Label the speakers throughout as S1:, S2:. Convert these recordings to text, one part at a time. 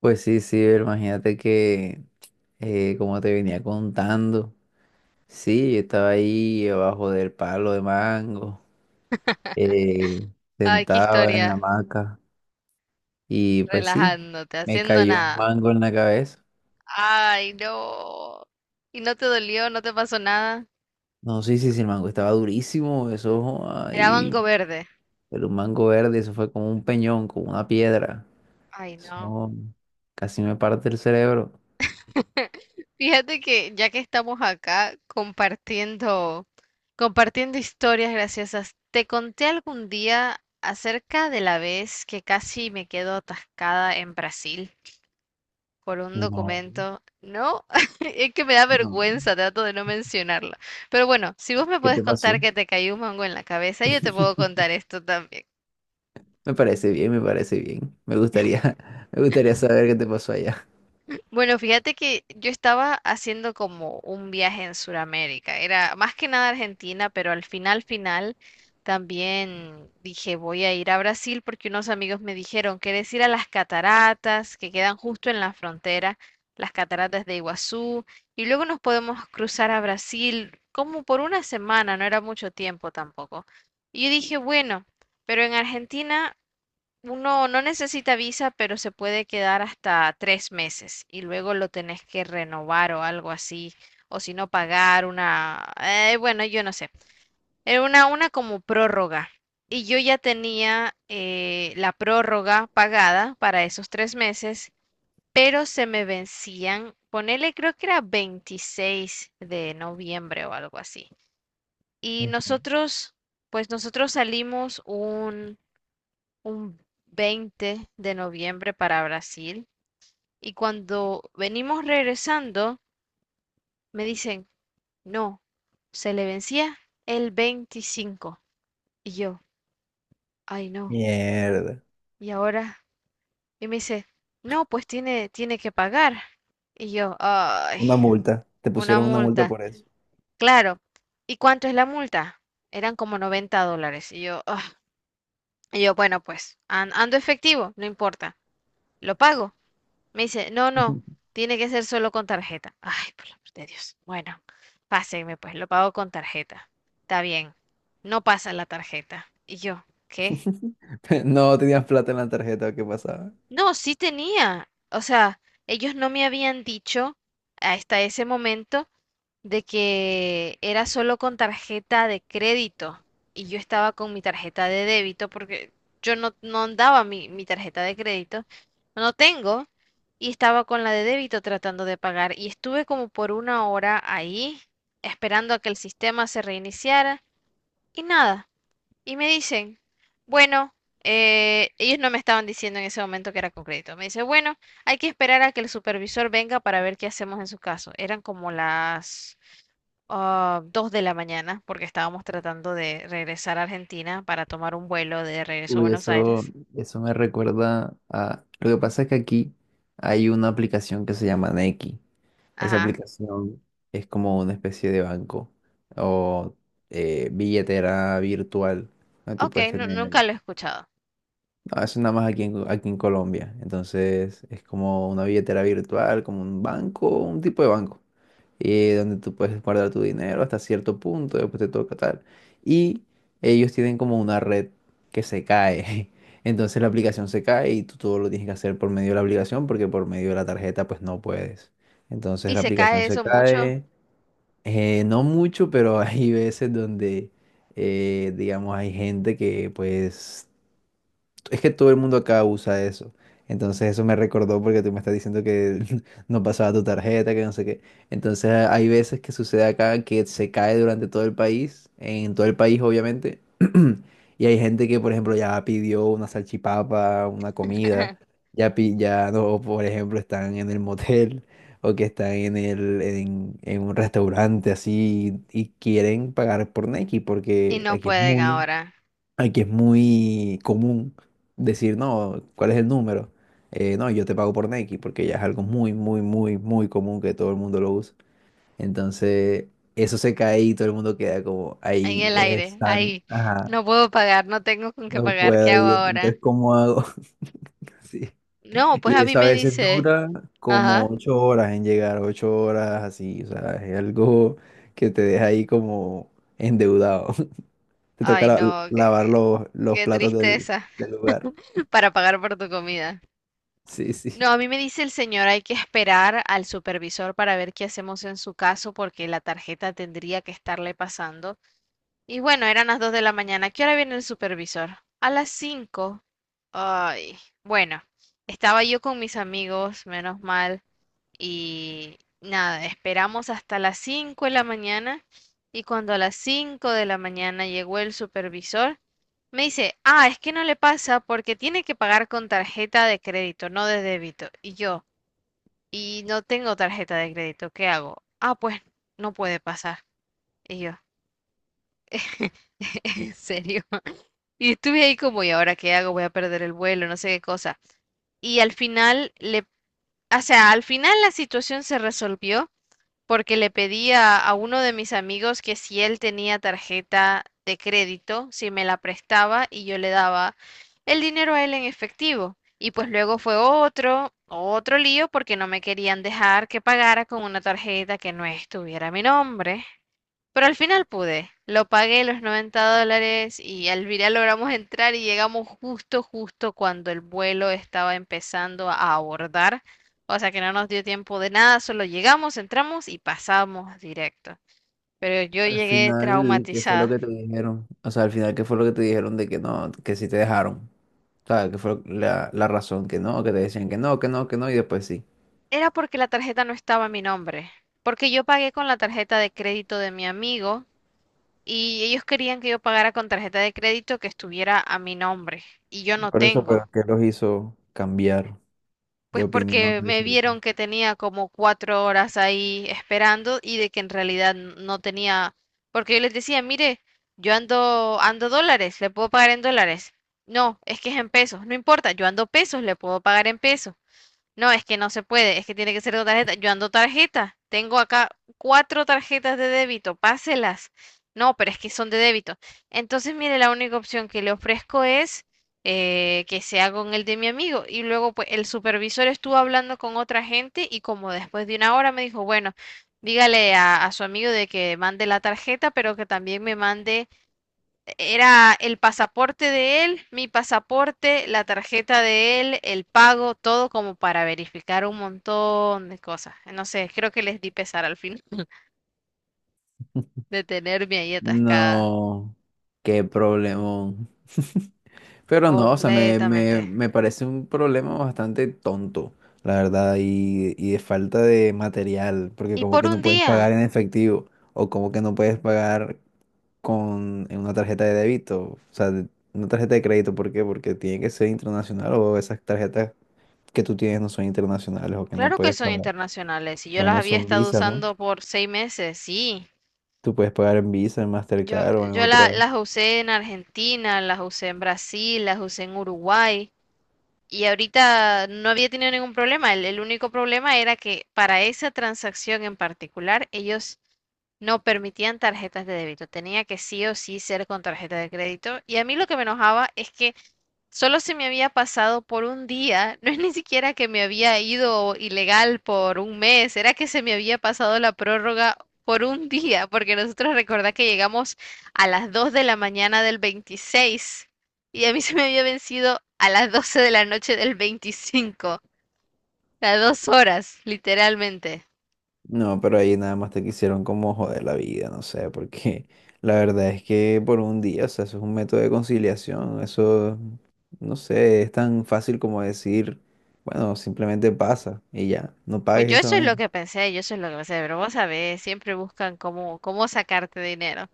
S1: Pues sí, sí, pero imagínate que, como te venía contando, sí, yo estaba ahí abajo del palo de mango, eh,
S2: Ay, qué
S1: sentado en la
S2: historia.
S1: hamaca, y pues sí,
S2: Relajándote,
S1: me
S2: haciendo
S1: cayó un
S2: nada.
S1: mango en la cabeza.
S2: Ay, no. ¿Y no te dolió? ¿No te pasó nada?
S1: No, sí, sí, sí, el mango estaba durísimo, eso
S2: Era mango
S1: ahí,
S2: verde.
S1: pero un mango verde, eso fue como un peñón, como una piedra.
S2: Ay, no.
S1: Eso casi me parte el cerebro.
S2: Fíjate que ya que estamos acá compartiendo historias graciosas, te conté algún día acerca de la vez que casi me quedo atascada en Brasil por un
S1: No,
S2: documento. No, es que me da
S1: no,
S2: vergüenza, trato de no mencionarlo. Pero bueno, si vos me
S1: ¿qué
S2: puedes
S1: te
S2: contar
S1: pasó?
S2: que te cayó un mango en la cabeza, yo te puedo contar esto también.
S1: Me parece bien, me parece bien. Me gustaría, me gustaría saber qué te pasó allá.
S2: Bueno, fíjate que yo estaba haciendo como un viaje en Sudamérica. Era más que nada Argentina, pero al final, final, también dije voy a ir a Brasil porque unos amigos me dijeron, ¿quieres ir a las cataratas que quedan justo en la frontera, las cataratas de Iguazú? Y luego nos podemos cruzar a Brasil como por una semana, no era mucho tiempo tampoco. Y yo dije, bueno, pero en Argentina... Uno no necesita visa, pero se puede quedar hasta 3 meses y luego lo tenés que renovar o algo así, o si no pagar una, bueno, yo no sé, era una como prórroga. Y yo ya tenía la prórroga pagada para esos 3 meses, pero se me vencían, ponele creo que era 26 de noviembre o algo así. Y
S1: Ujú.
S2: nosotros, pues nosotros salimos un 20 de noviembre para Brasil y cuando venimos regresando me dicen, no, se le vencía el 25 y yo, ay no,
S1: Mierda.
S2: y ahora, y me dice, no, pues tiene que pagar y yo, ay,
S1: Una multa. Te
S2: una
S1: pusieron una multa
S2: multa,
S1: por eso.
S2: claro, ¿y cuánto es la multa? Eran como $90 y yo, ah, y yo, bueno, pues ando efectivo, no importa, lo pago. Me dice, no,
S1: Ujú.
S2: no, tiene que ser solo con tarjeta. Ay, por el amor de Dios. Bueno, pásenme pues, lo pago con tarjeta. Está bien, no pasa la tarjeta. Y yo, ¿qué?
S1: ¿No tenías plata en la tarjeta? ¿Qué pasaba?
S2: No, sí tenía. O sea, ellos no me habían dicho hasta ese momento de que era solo con tarjeta de crédito y yo estaba con mi tarjeta de débito porque yo no andaba mi tarjeta de crédito, no tengo, y estaba con la de débito tratando de pagar y estuve como por una hora ahí esperando a que el sistema se reiniciara y nada, y me dicen, bueno, ellos no me estaban diciendo en ese momento que era con crédito, me dice, bueno, hay que esperar a que el supervisor venga para ver qué hacemos en su caso, eran como las 2 de la mañana, porque estábamos tratando de regresar a Argentina para tomar un vuelo de regreso a
S1: Uy,
S2: Buenos
S1: eso,
S2: Aires.
S1: eso me recuerda a... Lo que pasa es que aquí hay una aplicación que se llama Nequi. Esa
S2: Ajá.
S1: aplicación es como una especie de banco o billetera virtual que tú
S2: Ok,
S1: puedes
S2: nunca
S1: tener.
S2: lo he escuchado.
S1: No, eso nada más aquí en, aquí en Colombia. Entonces es como una billetera virtual, como un banco, un tipo de banco. Donde tú puedes guardar tu dinero hasta cierto punto, después te toca tal. Y ellos tienen como una red que se cae. Entonces la aplicación se cae y tú todo lo tienes que hacer por medio de la aplicación porque por medio de la tarjeta pues no puedes. Entonces
S2: ¿Y
S1: la
S2: se
S1: aplicación
S2: cae
S1: se
S2: eso mucho?
S1: cae, no mucho, pero hay veces donde, digamos, hay gente que pues es que todo el mundo acá usa eso. Entonces eso me recordó porque tú me estás diciendo que no pasaba tu tarjeta, que no sé qué. Entonces hay veces que sucede acá que se cae durante todo el país, en todo el país obviamente. Y hay gente que, por ejemplo, ya pidió una salchipapa, una comida, ya, pi- ya no, por ejemplo, están en el motel o que están en el, en un restaurante así y quieren pagar por Nequi
S2: Y
S1: porque
S2: no
S1: aquí es
S2: pueden
S1: muy,
S2: ahora.
S1: aquí es muy común decir, no, ¿cuál es el número? No, yo te pago por Nike porque ya es algo muy, muy, muy, muy común que todo el mundo lo usa. Entonces, eso se cae y todo el mundo queda como,
S2: En
S1: ahí
S2: el
S1: eres
S2: aire,
S1: tan,
S2: ahí.
S1: ajá,
S2: No puedo pagar, no tengo con qué
S1: no
S2: pagar. ¿Qué
S1: puedo
S2: hago
S1: ir, entonces,
S2: ahora?
S1: ¿cómo hago? Sí.
S2: No, pues
S1: Y
S2: a mí
S1: eso a
S2: me
S1: veces
S2: dice.
S1: dura como
S2: Ajá.
S1: 8 horas en llegar, 8 horas así, o sea, es algo que te deja ahí como endeudado. Te toca
S2: Ay,
S1: la-
S2: no, qué,
S1: lavar
S2: qué-
S1: los
S2: qué
S1: platos del,
S2: tristeza
S1: del lugar.
S2: para pagar por tu comida.
S1: Sí,
S2: No,
S1: sí.
S2: a mí me dice el señor, hay que esperar al supervisor para ver qué hacemos en su caso porque la tarjeta tendría que estarle pasando. Y bueno, eran las 2 de la mañana. ¿Qué hora viene el supervisor? A las 5. Ay, bueno, estaba yo con mis amigos, menos mal, y nada, esperamos hasta las 5 de la mañana y cuando a las 5 de la mañana llegó el supervisor, me dice, ah, es que no le pasa porque tiene que pagar con tarjeta de crédito, no de débito. Y yo y no tengo tarjeta de crédito, ¿qué hago? Ah, pues no puede pasar. Y yo, en serio. Y estuve ahí como, ¿y ahora qué hago? Voy a perder el vuelo, no sé qué cosa. Y al final le, o sea, al final la situación se resolvió porque le pedía a uno de mis amigos que si él tenía tarjeta de crédito, si me la prestaba y yo le daba el dinero a él en efectivo. Y pues luego fue otro lío porque no me querían dejar que pagara con una tarjeta que no estuviera a mi nombre. Pero al final pude. Lo pagué los $90 y al final logramos entrar y llegamos justo, justo cuando el vuelo estaba empezando a abordar. O sea que no nos dio tiempo de nada, solo llegamos, entramos y pasamos directo. Pero yo
S1: Al
S2: llegué
S1: final, ¿qué fue lo
S2: traumatizada.
S1: que te dijeron? O sea, al final, ¿qué fue lo que te dijeron de que no, que sí te dejaron? O sea, ¿qué fue la, la razón que no, que te decían que no, que no, que no, y después sí?
S2: Era porque la tarjeta no estaba a mi nombre. Porque yo pagué con la tarjeta de crédito de mi amigo y ellos querían que yo pagara con tarjeta de crédito que estuviera a mi nombre. Y yo no
S1: Por eso, pero
S2: tengo.
S1: ¿qué los hizo cambiar de
S2: Pues
S1: opinión?
S2: porque
S1: ¿De
S2: me
S1: cierto?
S2: vieron que tenía como 4 horas ahí esperando y de que en realidad no tenía, porque yo les decía, mire, yo ando dólares, le puedo pagar en dólares. No, es que es en pesos, no importa, yo ando pesos, le puedo pagar en pesos. No, es que no se puede, es que tiene que ser con tarjeta. Yo ando tarjeta, tengo acá cuatro tarjetas de débito, páselas. No, pero es que son de débito. Entonces, mire, la única opción que le ofrezco es que sea con el de mi amigo. Y luego, pues, el supervisor estuvo hablando con otra gente y como después de una hora me dijo, bueno, dígale a, su amigo de que mande la tarjeta, pero que también me mande era el pasaporte de él, mi pasaporte, la tarjeta de él, el pago, todo como para verificar un montón de cosas. No sé, creo que les di pesar al fin de tenerme ahí atascada.
S1: No, qué problemón. Pero no, o sea, me,
S2: Completamente.
S1: me, me parece un problema bastante tonto, la verdad, y de falta de material, porque
S2: Y
S1: como
S2: por
S1: que no
S2: un
S1: puedes pagar
S2: día.
S1: en efectivo, o como que no puedes pagar con en una tarjeta de débito, o sea, de- una tarjeta de crédito, ¿por qué? Porque tiene que ser internacional o esas tarjetas que tú tienes no son internacionales o que no
S2: Claro que
S1: puedes
S2: son
S1: pagar.
S2: internacionales. Y yo las
S1: Bueno,
S2: había
S1: son
S2: estado
S1: Visa, ¿no?
S2: usando por 6 meses, sí.
S1: Tú puedes pagar en Visa, en
S2: Yo,
S1: Mastercard o en
S2: yo
S1: otra.
S2: las usé en Argentina, las usé en Brasil, las usé en Uruguay. Y ahorita no había tenido ningún problema. El único problema era que para esa transacción en particular, ellos no permitían tarjetas de débito. Tenía que sí o sí ser con tarjeta de crédito. Y a mí lo que me enojaba es que solo se me había pasado por un día, no es ni siquiera que me había ido ilegal por un mes, era que se me había pasado la prórroga por un día, porque nosotros recordá que llegamos a las 2 de la mañana del 26 y a mí se me había vencido a las 12 de la noche del 25, las 2 horas, literalmente.
S1: No, pero ahí nada más te quisieron como joder la vida, no sé, porque la verdad es que por un día, o sea, eso es un método de conciliación, eso, no sé, es tan fácil como decir, bueno, simplemente pasa y ya, no
S2: Pues
S1: pagues
S2: yo
S1: esa
S2: eso es lo
S1: vaina.
S2: que pensé, yo eso es lo que pensé, pero vos sabés, siempre buscan cómo sacarte dinero.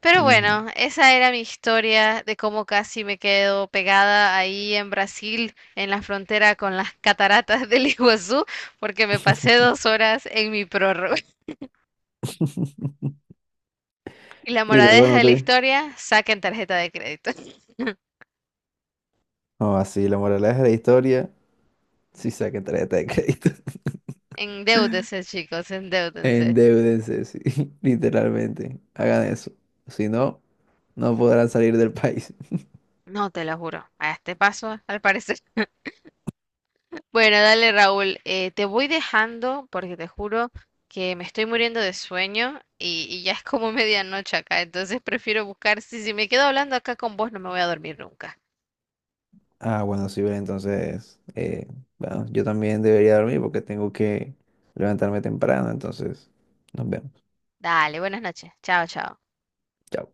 S2: Pero
S1: Ujú.
S2: bueno, esa era mi historia de cómo casi me quedo pegada ahí en Brasil, en la frontera con las cataratas del Iguazú, porque me pasé 2 horas en mi prórroga. Y la
S1: Y luego
S2: moraleja
S1: no
S2: de la
S1: te...
S2: historia, saquen tarjeta de crédito.
S1: O así, la moraleja de la historia, sí saquen tarjeta de crédito.
S2: Endeúdense, chicos, endeúdense.
S1: Endeúdense, sí, literalmente. Hagan eso. Si no, no podrán salir del país.
S2: No te lo juro. A este paso, al parecer. Bueno, dale Raúl, te voy dejando porque te juro que me estoy muriendo de sueño y ya es como medianoche acá, entonces prefiero buscar, si me quedo hablando acá con vos no me voy a dormir nunca.
S1: Ah, bueno, sí, Belén, entonces, bueno, yo también debería dormir porque tengo que levantarme temprano, entonces, nos vemos.
S2: Dale, buenas noches, chao, chao.
S1: Chao.